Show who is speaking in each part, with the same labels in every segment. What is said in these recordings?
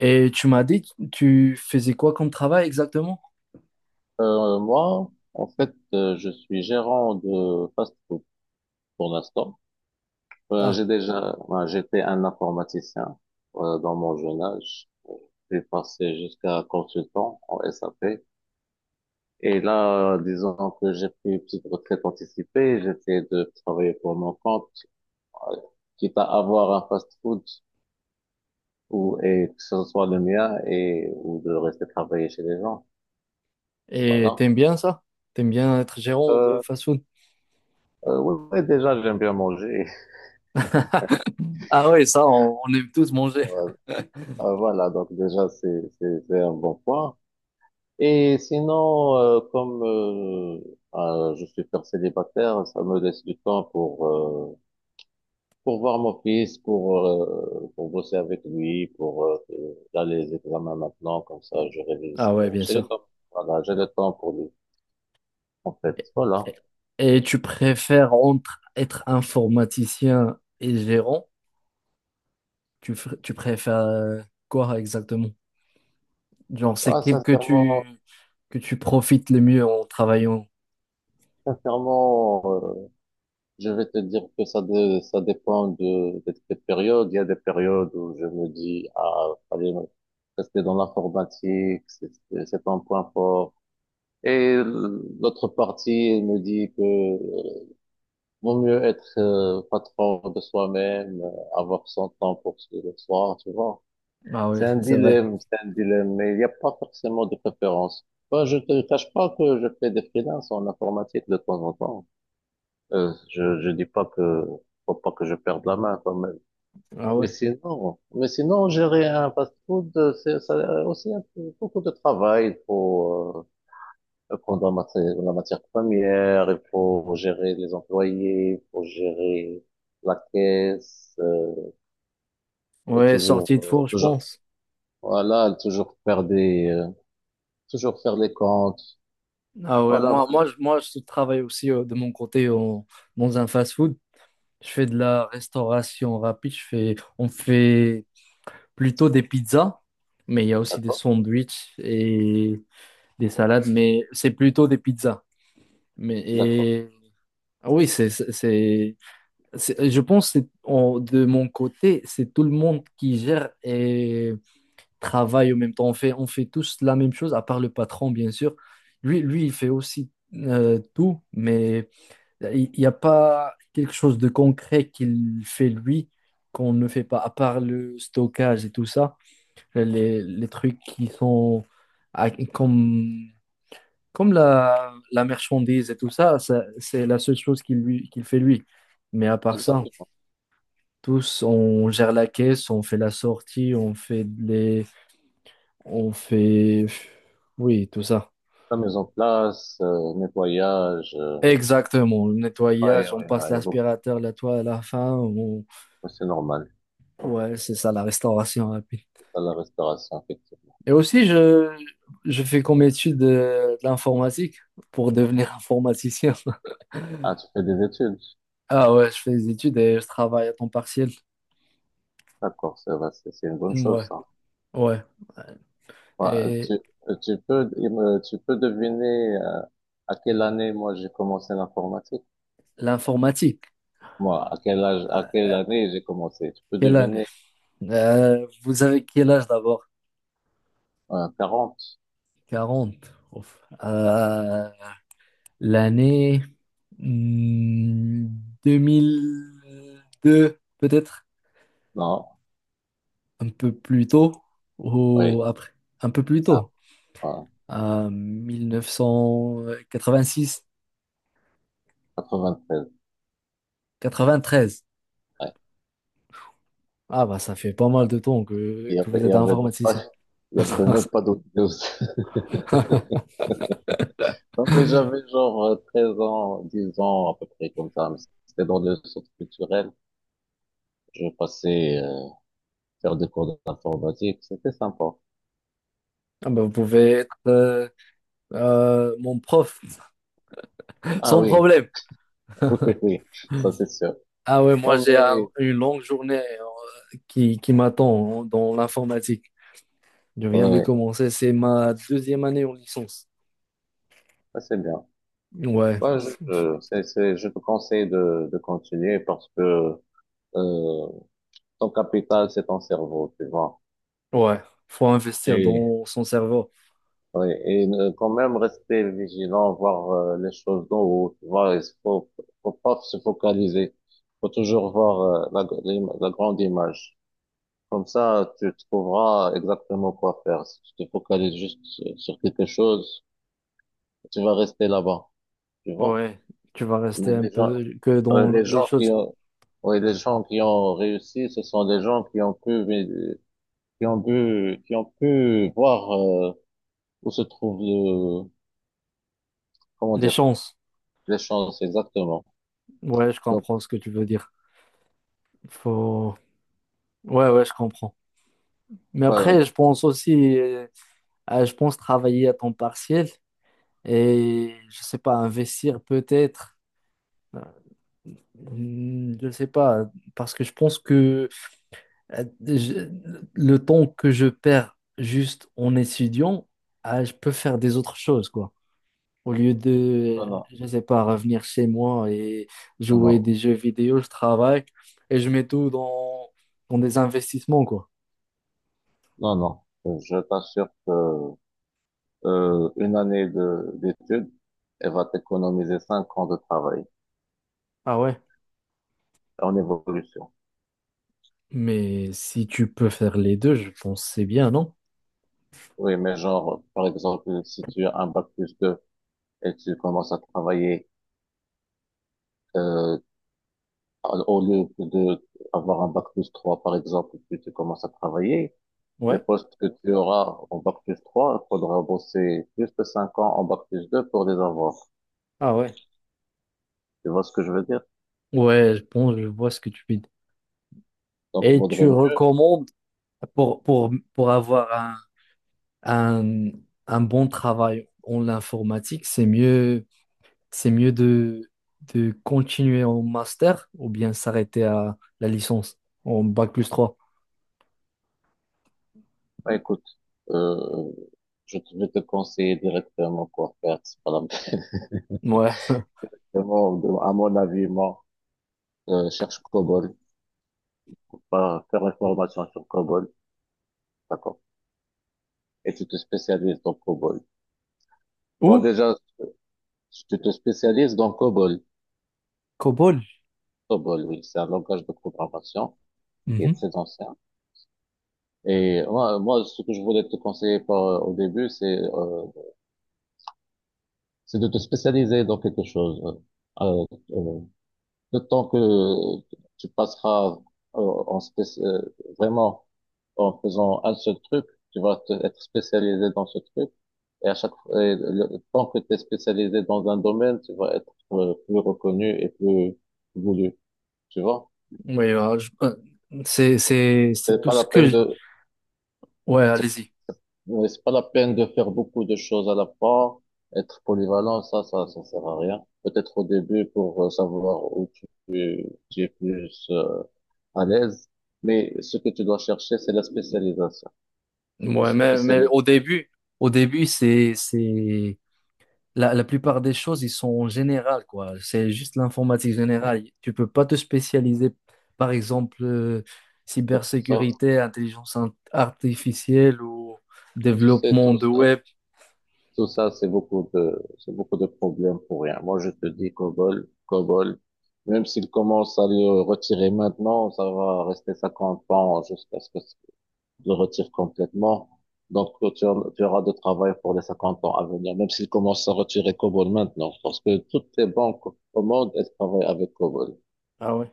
Speaker 1: Et tu m'as dit, tu faisais quoi comme travail exactement?
Speaker 2: Moi, en fait, je suis gérant de fast-food pour l'instant. Euh,
Speaker 1: Ah,
Speaker 2: j'ai déjà, ouais, j'étais un informaticien dans mon jeune âge. J'ai passé jusqu'à consultant en SAP. Et là, disons que j'ai pris une petite retraite anticipée, j'essaie de travailler pour mon compte, euh, quitte à avoir un fast-food ou et que ce soit le mien et ou de rester travailler chez les gens.
Speaker 1: et
Speaker 2: Voilà.
Speaker 1: t'aimes bien ça? T'aimes bien être gérant de
Speaker 2: Euh,
Speaker 1: fast-food?
Speaker 2: oui, oui, déjà, j'aime bien manger.
Speaker 1: Ah ouais, ça, on aime tous manger.
Speaker 2: Voilà, donc déjà, c'est un bon point. Et sinon, comme je suis père célibataire, ça me laisse du temps pour voir mon fils, pour bosser avec lui, pour là, les examens maintenant, comme ça, je révise.
Speaker 1: Ah ouais, bien
Speaker 2: J'ai le
Speaker 1: sûr.
Speaker 2: temps. Voilà, j'ai le temps pour lui, en fait.
Speaker 1: Et,
Speaker 2: Voilà.
Speaker 1: et tu préfères entre être informaticien et gérant? Tu préfères quoi exactement? Genre, c'est
Speaker 2: Ouais,
Speaker 1: quel
Speaker 2: sincèrement,
Speaker 1: que tu profites le mieux en travaillant.
Speaker 2: sincèrement, je vais te dire que ça, ça dépend de, des périodes. Il y a des périodes où je me dis, ah, fallait rester dans l'informatique, c'est un point fort. Et l'autre partie elle me dit que vaut mieux être patron de soi-même, avoir son temps pour se le soir, tu vois.
Speaker 1: Ah ouais, c'est vrai.
Speaker 2: C'est un dilemme, mais il n'y a pas forcément de préférence. Moi, je te cache pas que je fais des freelances en informatique de temps en temps. Je dis pas que faut pas que je perde la main quand même.
Speaker 1: Ah
Speaker 2: Mais
Speaker 1: ouais.
Speaker 2: sinon, mais sinon gérer un fast-food, c'est ça a aussi beaucoup de travail. Il faut prendre la matière première, il faut gérer les employés, il faut gérer la caisse, et
Speaker 1: Ouais,
Speaker 2: toujours,
Speaker 1: sortie de four, je
Speaker 2: toujours,
Speaker 1: pense.
Speaker 2: voilà, toujours faire les comptes.
Speaker 1: Ah ouais,
Speaker 2: Voilà, voilà.
Speaker 1: je travaille aussi de mon côté dans un fast-food. Je fais de la restauration rapide. On fait plutôt des pizzas, mais il y a aussi des
Speaker 2: D'accord,
Speaker 1: sandwichs et des salades, mais c'est plutôt des pizzas. Mais
Speaker 2: d'accord,
Speaker 1: et, ah oui, Je pense que de mon côté, c'est tout le monde qui gère et travaille en même temps. On fait tous la même chose, à part le patron, bien sûr. Lui, il fait aussi tout, mais il n'y a pas quelque chose de concret qu'il fait lui qu'on ne fait pas, à part le stockage et tout ça, les trucs qui sont à- comme, comme la marchandise et tout ça, ça, c'est la seule chose qu'il fait lui. Mais à part ça.
Speaker 2: exactement.
Speaker 1: Tous, on gère la caisse, on fait la sortie, on fait les, on fait, oui, tout ça.
Speaker 2: La mise en place, nettoyage. euh,
Speaker 1: Exactement, le
Speaker 2: ouais, ouais,
Speaker 1: nettoyage, on passe
Speaker 2: ouais, il y a beaucoup.
Speaker 1: l'aspirateur, la toile à la fin.
Speaker 2: Ouais, c'est normal.
Speaker 1: Ouais, c'est ça, la restauration rapide.
Speaker 2: C'est ça la restauration, effectivement.
Speaker 1: Et aussi, je fais comme étude de, l'informatique pour devenir informaticien.
Speaker 2: Ah, tu fais des études.
Speaker 1: Ah ouais, je fais des études et je travaille à temps partiel.
Speaker 2: D'accord, ça va, c'est une bonne chose,
Speaker 1: Ouais,
Speaker 2: ça.
Speaker 1: ouais.
Speaker 2: Ouais,
Speaker 1: Et
Speaker 2: euh, tu peux, tu peux deviner à quelle année moi j'ai commencé l'informatique?
Speaker 1: l'informatique,
Speaker 2: Moi, à quel âge, à quelle
Speaker 1: euh,
Speaker 2: année j'ai commencé? Tu peux
Speaker 1: quelle année?
Speaker 2: deviner
Speaker 1: Vous avez quel âge d'abord?
Speaker 2: 40?
Speaker 1: 40. Ouf. L'année hmm, 2002, peut-être
Speaker 2: Non?
Speaker 1: un peu plus tôt
Speaker 2: Oui.
Speaker 1: ou après, un peu plus
Speaker 2: Ah,
Speaker 1: tôt,
Speaker 2: ah,
Speaker 1: à mille neuf cent quatre-vingt-six,
Speaker 2: treize.
Speaker 1: quatre-vingt-treize.
Speaker 2: Ouais.
Speaker 1: Ah bah ça fait pas mal de temps
Speaker 2: Il y
Speaker 1: que
Speaker 2: avait,
Speaker 1: vous
Speaker 2: il y
Speaker 1: êtes
Speaker 2: avait même pas,
Speaker 1: informaticien.
Speaker 2: il y avait même pas d'autres news. Non, mais j'avais genre 13 ans, 10 ans, à peu près comme ça. Mais c'était dans le centre culturel. Je passais faire des cours d'informatique, c'était sympa.
Speaker 1: Ah bah, vous pouvez être mon prof
Speaker 2: Ah
Speaker 1: sans
Speaker 2: oui,
Speaker 1: problème.
Speaker 2: oui, oui, ça c'est sûr.
Speaker 1: Ah ouais, moi
Speaker 2: Non
Speaker 1: j'ai
Speaker 2: mais,
Speaker 1: une longue journée qui m'attend dans l'informatique. Je viens de
Speaker 2: oui,
Speaker 1: commencer, c'est ma deuxième année en licence.
Speaker 2: ça c'est bien.
Speaker 1: Ouais,
Speaker 2: Moi, je te conseille de, continuer parce que euh, ton capital, c'est ton cerveau, tu vois.
Speaker 1: ouais, faut investir
Speaker 2: Et,
Speaker 1: dans son cerveau.
Speaker 2: oui, et quand même rester vigilant, voir les choses d'en haut, tu vois. Faut pas se focaliser. Faut toujours voir la grande image. Comme ça, tu trouveras exactement quoi faire. Si tu te focalises juste sur quelque chose, tu vas rester là-bas, tu vois.
Speaker 1: Ouais, tu vas
Speaker 2: Mais
Speaker 1: rester un peu que dans
Speaker 2: les
Speaker 1: les
Speaker 2: gens qui
Speaker 1: choses,
Speaker 2: ont, ouais, les gens qui ont réussi, ce sont des gens qui ont pu voir où se trouve le, comment
Speaker 1: les
Speaker 2: dire,
Speaker 1: chances.
Speaker 2: les chances exactement.
Speaker 1: Ouais, je
Speaker 2: Donc,
Speaker 1: comprends ce que tu veux dire. Faut, ouais, je comprends. Mais
Speaker 2: euh,
Speaker 1: après, je pense aussi, je pense travailler à temps partiel et je sais pas, investir peut-être. Euh, Je sais pas, parce que je pense que je- le temps que je perds juste en étudiant, ah, je peux faire des autres choses, quoi. Au lieu de,
Speaker 2: non, non,
Speaker 1: je sais pas, revenir chez moi et jouer
Speaker 2: non,
Speaker 1: des jeux vidéo, je travaille et je mets tout dans des investissements, quoi.
Speaker 2: non, non, non. Je t'assure que une année de d'études, elle va t'économiser 5 ans de travail.
Speaker 1: Ah ouais.
Speaker 2: En évolution.
Speaker 1: Mais si tu peux faire les deux, je pense que c'est bien, non?
Speaker 2: Oui, mais genre, par exemple, si tu as un bac plus 2 et tu commences à travailler, euh, au lieu de avoir un bac plus 3, par exemple, puis tu commences à travailler, les
Speaker 1: Ouais.
Speaker 2: postes que tu auras en bac plus 3, il faudra bosser plus de 5 ans en bac plus 2 pour les avoir.
Speaker 1: Ah ouais.
Speaker 2: Tu vois ce que je veux dire?
Speaker 1: Ouais, je pense, je vois ce que tu dis.
Speaker 2: Donc, il
Speaker 1: Et tu
Speaker 2: vaudrait mieux.
Speaker 1: recommandes pour avoir un, un bon travail en l'informatique, c'est mieux de continuer en master ou bien s'arrêter à la licence en bac plus trois.
Speaker 2: Bah, écoute, euh, vais te conseiller directement quoi faire. C'est pas la-
Speaker 1: Ouais.
Speaker 2: Vraiment, à mon avis, moi, cherche COBOL, pas faire une formation sur COBOL. D'accord. Et tu te spécialises dans COBOL. Bon,
Speaker 1: Ou
Speaker 2: déjà, tu te spécialises dans COBOL.
Speaker 1: COBOL.
Speaker 2: COBOL, oui, c'est un langage de programmation qui est
Speaker 1: Mhm.
Speaker 2: très ancien. Et moi, ce que je voulais te conseiller au début, c'est de te spécialiser dans quelque chose. Euh, euh, Le temps que tu passeras euh, en spéc- euh, vraiment en faisant un seul truc, être spécialisé dans ce truc. Et à chaque fois, et le temps que tu es spécialisé dans un domaine, tu vas être plus reconnu et plus voulu. Tu vois?
Speaker 1: Oui, c'est
Speaker 2: C'est
Speaker 1: tout
Speaker 2: pas
Speaker 1: ce
Speaker 2: la
Speaker 1: que
Speaker 2: peine
Speaker 1: je-
Speaker 2: de,
Speaker 1: Ouais,
Speaker 2: c'est
Speaker 1: allez-y.
Speaker 2: c'est pas la peine de faire beaucoup de choses à la fois. Être polyvalent, ça sert à rien. Peut-être au début pour savoir où tu es plus à l'aise, mais ce que tu dois chercher, c'est la spécialisation. Faut
Speaker 1: Ouais,
Speaker 2: se spécialiser dans
Speaker 1: au début, la, la plupart des choses, ils sont générales, quoi. C'est juste l'informatique générale. Tu peux pas te spécialiser, par exemple,
Speaker 2: quelque sorte.
Speaker 1: cybersécurité, artificielle ou
Speaker 2: Tu sais,
Speaker 1: développement de web.
Speaker 2: tout ça, c'est beaucoup de problèmes pour rien. Moi, je te dis COBOL, COBOL, même s'il commence à le retirer maintenant, ça va rester 50 ans jusqu'à ce que tu le retire complètement. Donc, tu auras de travail pour les 50 ans à venir, même s'il commence à retirer COBOL maintenant, parce que toutes les banques au monde, elles travaillent avec COBOL.
Speaker 1: Ah ouais.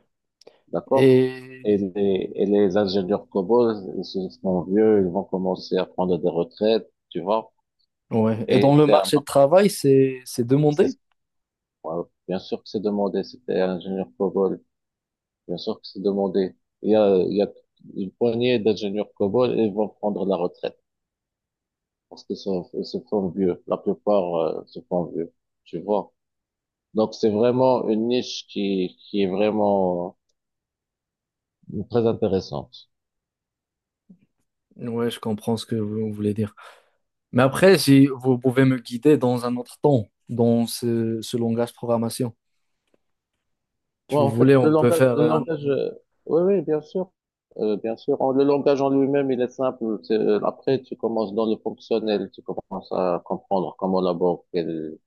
Speaker 2: D'accord?
Speaker 1: Et,
Speaker 2: Et les ingénieurs cobots, ils se sont vieux, ils vont commencer à prendre des retraites, tu vois.
Speaker 1: ouais. Et
Speaker 2: Et
Speaker 1: dans le
Speaker 2: c'est un
Speaker 1: marché de
Speaker 2: mar-
Speaker 1: travail, c'est
Speaker 2: c'est,
Speaker 1: demandé.
Speaker 2: ouais, bien sûr que c'est demandé, c'était ingénieur cobol, bien sûr que c'est demandé. Il y a une poignée d'ingénieurs cobol, et ils vont prendre la retraite parce ils se font vieux. La plupart, se font vieux, tu vois. Donc c'est vraiment une niche qui est vraiment très intéressante.
Speaker 1: Ouais, je comprends ce que vous voulez dire. Mais après, si vous pouvez me guider dans un autre temps, dans ce langage programmation. Si
Speaker 2: Ouais,
Speaker 1: vous
Speaker 2: en fait,
Speaker 1: voulez, on peut faire
Speaker 2: le
Speaker 1: un...
Speaker 2: langage, oui, oui, bien sûr, bien sûr. Le langage en lui-même, il est simple. Après, tu commences dans le fonctionnel, tu commences à comprendre comment la banque elle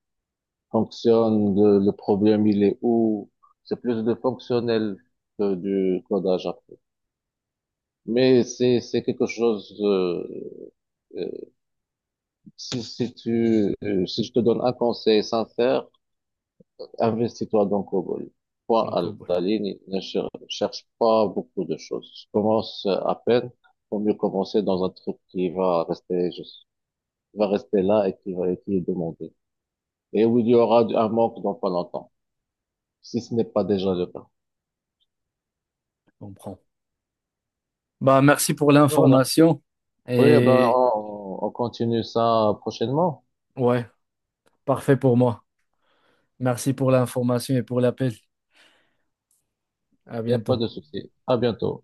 Speaker 2: fonctionne, le problème il est où. C'est plus de fonctionnel que du codage après. Mais c'est quelque chose. Euh, Si je te donne un conseil sincère, investis-toi donc au bol. Toi, à
Speaker 1: Donc, ouais,
Speaker 2: la ligne, ne cher- cherche pas beaucoup de choses. Commence à peine. Vaut mieux commencer dans un truc qui va rester, va rester là et et qui est demandé. Et où il y aura un manque dans pas longtemps. Si ce n'est pas déjà le cas.
Speaker 1: on prend. Bah, merci pour
Speaker 2: Voilà.
Speaker 1: l'information.
Speaker 2: Oui, eh ben,
Speaker 1: Et
Speaker 2: on continue ça prochainement.
Speaker 1: ouais, parfait pour moi. Merci pour l'information et pour l'appel. À
Speaker 2: Il n'y a pas
Speaker 1: bientôt.
Speaker 2: de souci. À bientôt.